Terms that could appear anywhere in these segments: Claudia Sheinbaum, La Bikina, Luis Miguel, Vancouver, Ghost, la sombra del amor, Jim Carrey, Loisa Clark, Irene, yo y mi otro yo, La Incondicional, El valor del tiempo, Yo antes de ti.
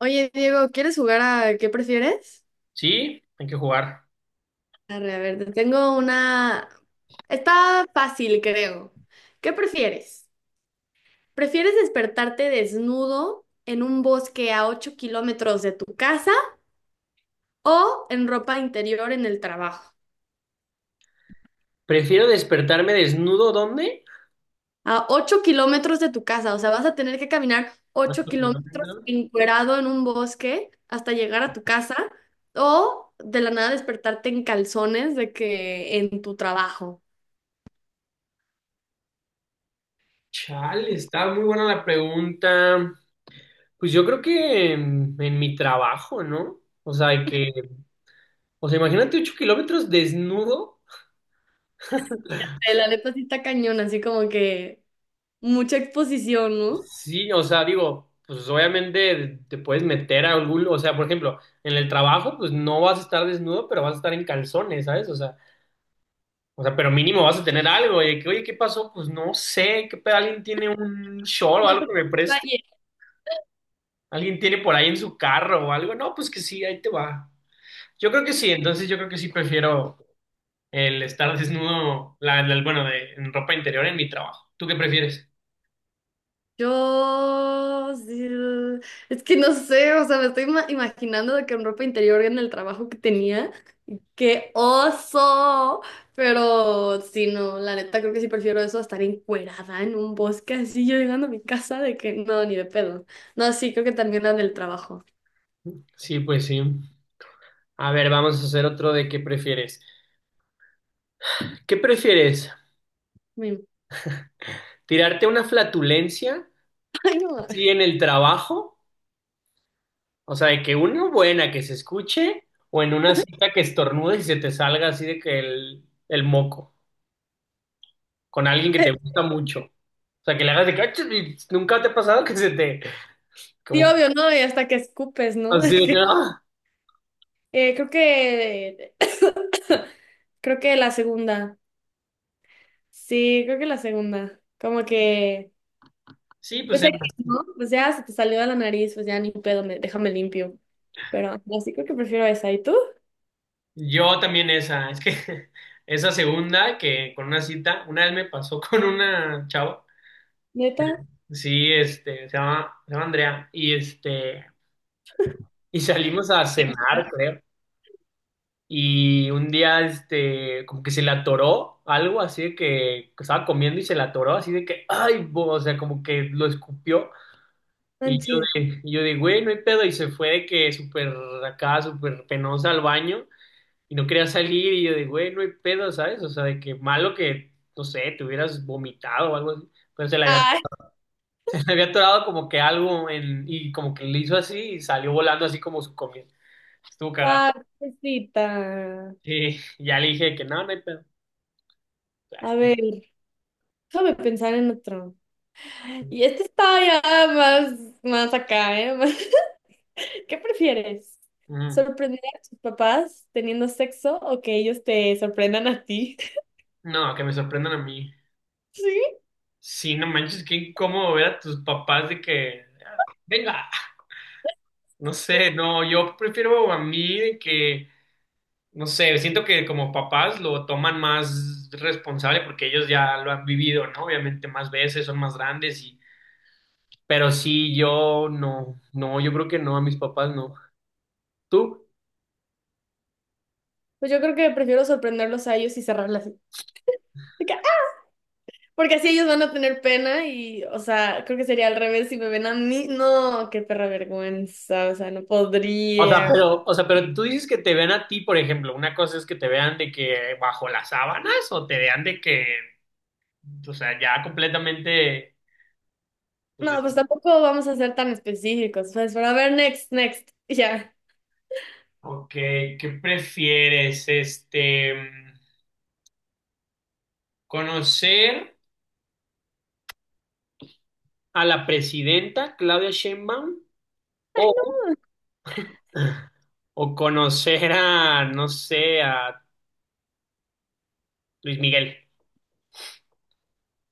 Oye, Diego, ¿quieres jugar a qué prefieres? Sí, hay que jugar. Arre, a ver, te tengo una. Está fácil, creo. ¿Qué prefieres? ¿Prefieres despertarte desnudo en un bosque a 8 kilómetros de tu casa o en ropa interior en el trabajo? Prefiero despertarme desnudo, ¿dónde? A 8 kilómetros de tu casa, o sea, vas a tener que caminar 8 kilómetros encuerado en un bosque hasta llegar a tu casa o de la nada despertarte en calzones de que en tu trabajo. Chale, está muy buena la pregunta. Pues yo creo que en mi trabajo, ¿no? O sea, imagínate 8 kilómetros desnudo. La neta sí está cañón, así como que mucha exposición, ¿no? Sí, o sea, digo, pues obviamente te puedes meter a algún, o sea, por ejemplo, en el trabajo, pues no vas a estar desnudo, pero vas a estar en calzones, ¿sabes? O sea, pero mínimo vas a tener algo, y de que, oye, ¿qué pasó? Pues no sé, ¿qué pedo? ¿Alguien tiene un short o No algo sé que me qué preste? detalle. Alguien tiene por ahí en su carro o algo. No, pues que sí, ahí te va. Yo creo que sí, entonces yo creo que sí prefiero el estar desnudo, bueno, en ropa interior en mi trabajo. ¿Tú qué prefieres? Yo, sí, es que no sé, o sea, me estoy imaginando de que en ropa interior en el trabajo que tenía, qué oso, pero sí, no, la neta creo que sí prefiero eso a estar encuerada en un bosque así yo llegando a mi casa de que no, ni de pedo. No, sí, creo que también la del trabajo. Sí, pues sí. A ver, vamos a hacer otro de qué prefieres. ¿Qué prefieres? Mm. ¿Tirarte una flatulencia? Ay, no. Sí, en el trabajo. O sea, de que una buena que se escuche o en una cita que estornudes y se te salga así de que el moco. Con alguien que te gusta mucho. O sea, que le hagas de que, "Ah, y nunca te ha pasado que se te, Sí, como, obvio, ¿no? Y hasta que escupes, ¿no? De así de que, que, "Ah". Creo que Creo que la segunda. Sí, creo que la segunda. Como que, Sí, pues pues em, aquí, ¿no? Pues ya se te salió de la nariz, pues ya ni pedo, déjame limpio. Pero no, sí creo que prefiero esa. ¿Y tú? yo también esa, es que esa segunda que con una cita, una vez me pasó con una chava, ¿Neta? sí, se llama Andrea, y salimos a Sí. cenar, creo. Y un día, como que se le atoró algo así de que estaba comiendo y se le atoró así de que, ay, bo", o sea, como que lo escupió. Y yo Manches. de, y yo de, güey, no hay pedo. Y se fue de que súper acá, súper penosa al baño y no quería salir. Y yo de, güey, no hay pedo, ¿sabes? O sea, de que malo que, no sé, te hubieras vomitado o algo así. Pero se le había, Ay, se le había atorado como que algo en, y como que le hizo así y salió volando así como su comida. Estuvo cagado. ah, pobrecita. Sí, ya le dije que no, no hay pedo. A Ah. ver, déjame pensar en otro. Y este está ya más, más acá, ¿eh? ¿Qué prefieres? Mm. ¿Sorprender a tus papás teniendo sexo o que ellos te sorprendan a ti? No, que me sorprendan a mí. Sí. Sí, no manches, qué incómodo ver a tus papás de que, "Ah, venga". No sé, no, yo prefiero a mí de que, no sé, siento que como papás lo toman más responsable porque ellos ya lo han vivido, ¿no? Obviamente más veces, son más grandes y, pero sí, yo no, no, yo creo que no, a mis papás no. ¿Tú? Pues yo creo que prefiero sorprenderlos a ellos y cerrarla así. De que, ¡ah! Porque así ellos van a tener pena y, o sea, creo que sería al revés si me ven a mí. No, qué perra vergüenza, o sea, no podría. O sea, pero tú dices que te vean a ti, por ejemplo, una cosa es que te vean de que bajo las sábanas o te vean de que, o sea, ya completamente, pues, No, de- pues tampoco vamos a ser tan específicos. Pues, pero a ver, next, next. Y ya, ok, ¿qué prefieres, conocer a la presidenta Claudia Sheinbaum o, conocer a, no sé, a Luis Miguel.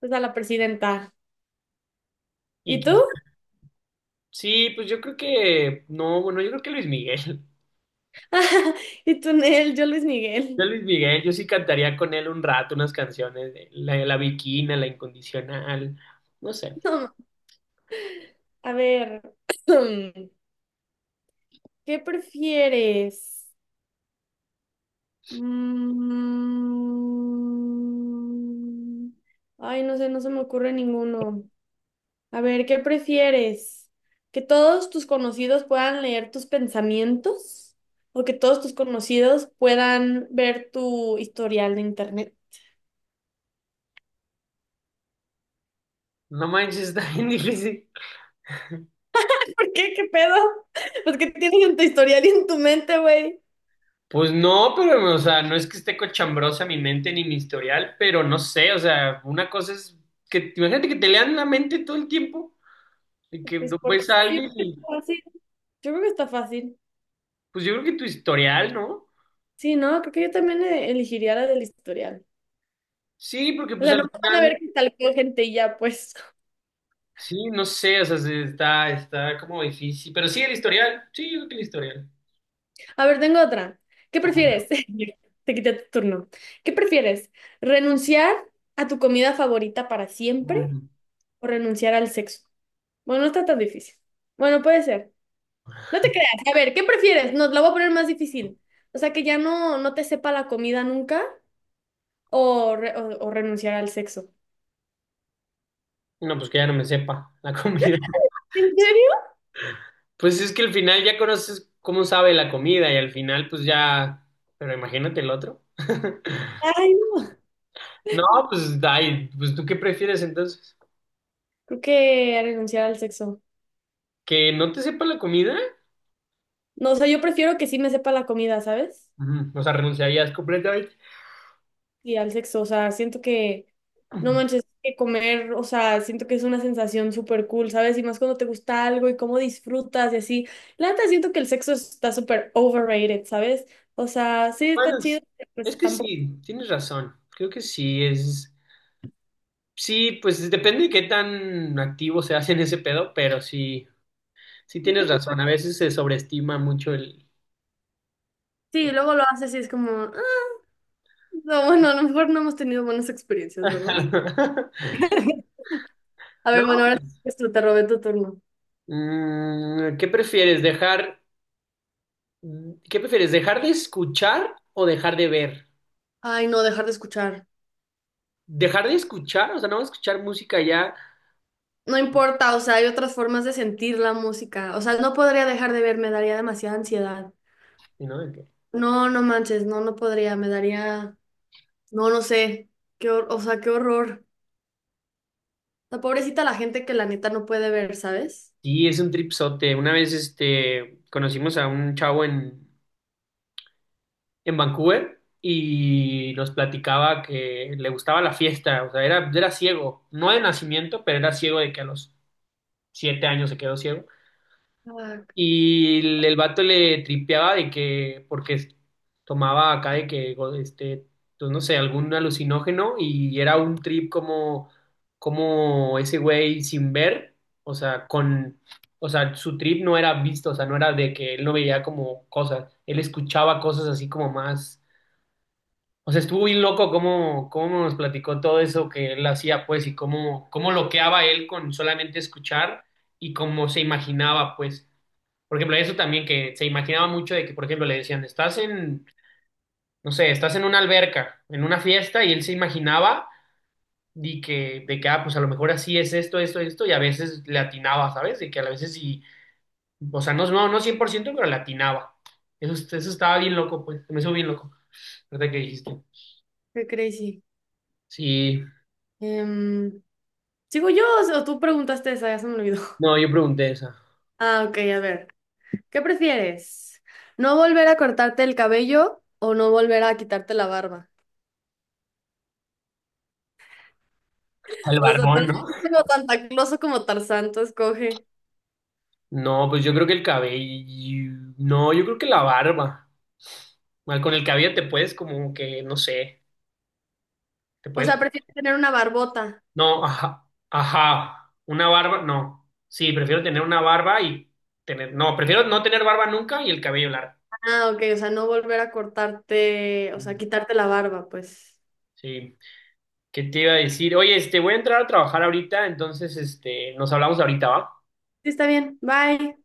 pues a la presidenta. Y ¿Y tú? sí, pues yo creo que, no, bueno, yo creo que Luis Miguel. ¿Y tú, Nel? Yo, Luis Yo Miguel. Luis Miguel, yo sí cantaría con él un rato unas canciones de La, la Bikina, La Incondicional, no sé. No, a ver, ¿qué prefieres? Mm. Ay, no sé, no se me ocurre ninguno. A ver, ¿qué prefieres? ¿Que todos tus conocidos puedan leer tus pensamientos? ¿O que todos tus conocidos puedan ver tu historial de internet? No manches, está bien difícil. ¿Por qué? ¿Qué pedo? Pues qué tienes en tu historial y en tu mente, güey. Pues no, pero, o sea, no es que esté cochambrosa mi mente ni mi historial, pero no sé, o sea, una cosa es que, imagínate que te lean la mente todo el tiempo, y que Pues no por ves eso a yo alguien creo que está y, fácil. Yo creo que está fácil. pues yo creo que tu historial, ¿no? Sí, no, creo que yo también elegiría la del historial. Sí, porque O pues sea, al no van a final, ver que tal gente y ya, pues. sí, no sé, o sea, se- está como difícil, pero sí el historial, sí, yo creo que el historial. A ver, tengo otra. ¿Qué prefieres? Te quité tu turno. ¿Qué prefieres? ¿Renunciar a tu comida favorita para siempre Mm. o renunciar al sexo? Bueno, no está tan difícil. Bueno, puede ser. No te creas. A ver, ¿qué prefieres? Nos la voy a poner más difícil. O sea, que ya no, no te sepa la comida nunca o, o renunciar al sexo. No, pues que ya no me sepa la comida. ¿En serio? Pues es que al final ya conoces cómo sabe la comida y al final pues ya, pero imagínate el otro. Ay, no. No, pues, ay, pues, ¿tú qué prefieres entonces? Creo que renunciar al sexo. ¿Que no te sepa la comida? No, o sea, yo prefiero que sí me sepa la comida, ¿sabes? Ujú. O sea, renunciarías completamente. Y al sexo. O sea, siento que, no manches, que comer, o sea, siento que es una sensación súper cool, ¿sabes? Y más cuando te gusta algo y cómo disfrutas y así. La neta, siento que el sexo está súper overrated, ¿sabes? O sea, sí está Bueno, chido, es, pero es pues que tampoco. sí, tienes razón. Creo que sí, es... Sí, pues depende de qué tan activo se hace en ese pedo, pero sí, sí tienes razón. A veces se sobreestima mucho el... Sí, luego lo haces y es como, ah, no, bueno, a lo mejor no hemos tenido buenas experiencias, ¿verdad? A ¿No? ver, bueno, ahora es te robé tu turno. Mm, ¿qué prefieres? ¿Dejar... ¿Qué prefieres? ¿Dejar de escuchar o dejar de ver? Ay, no, dejar de escuchar. ¿Dejar de escuchar? O sea, no escuchar música ya, No importa, o sea, hay otras formas de sentir la música. O sea, no podría dejar de ver, me daría demasiada ansiedad. ¿no? No, no manches, no, no podría, me daría, no, no sé, qué o sea, qué horror. La pobrecita la gente que la neta no puede ver, ¿sabes? Sí, es un tripsote. Una vez conocimos a un chavo en, Vancouver y nos platicaba que le gustaba la fiesta, o sea, era ciego, no de nacimiento, pero era ciego de que a los 7 años se quedó ciego. Ah, Y el vato le tripeaba de que, porque es- tomaba acá de que, go- pues no sé, algún alucinógeno y era un trip como ese güey sin ver, o sea, con, o sea, su trip no era visto, o sea, no era de que él no veía como cosas, él escuchaba cosas así como más, o sea, estuvo bien loco cómo nos platicó todo eso que él hacía, pues, y cómo loqueaba él con solamente escuchar y cómo se imaginaba, pues. Por ejemplo, eso también que se imaginaba mucho de que, por ejemplo, le decían, estás en, no sé, estás en una alberca, en una fiesta, y él se imaginaba de que, ah, pues a lo mejor así es esto, esto, esto, y a veces le atinaba, ¿sabes? De que a veces sí, o sea, no, no, no 100% pero le atinaba. Eso estaba bien loco, pues, me hizo bien loco, ¿verdad que dijiste? qué crazy. Sí, Em, ¿Sigo yo o sea, tú preguntaste esa? Ya se me olvidó. no, yo pregunté esa. Ah, ok, a ver. ¿Qué prefieres? ¿No volver a cortarte el cabello o no volver a quitarte la barba? El O sea, tú barbón, eres ¿no? como Santa Claus o como Tarzán, tú escoge. No, pues yo creo que el cabello, no, yo creo que la barba. Mal, con el cabello te puedes como que, no sé, te O puedes. sea, prefieres tener una barbota. No, ajá, ajá, una barba, no. Sí, prefiero tener una barba y tener, no, prefiero no tener barba nunca y el cabello largo. Ah, ok, o sea, no volver a cortarte, o sea, Mm. quitarte la barba, pues. Sí, ¿qué te iba a decir? Oye, voy a entrar a trabajar ahorita, entonces, nos hablamos ahorita, ¿va? Sí, está bien. Bye.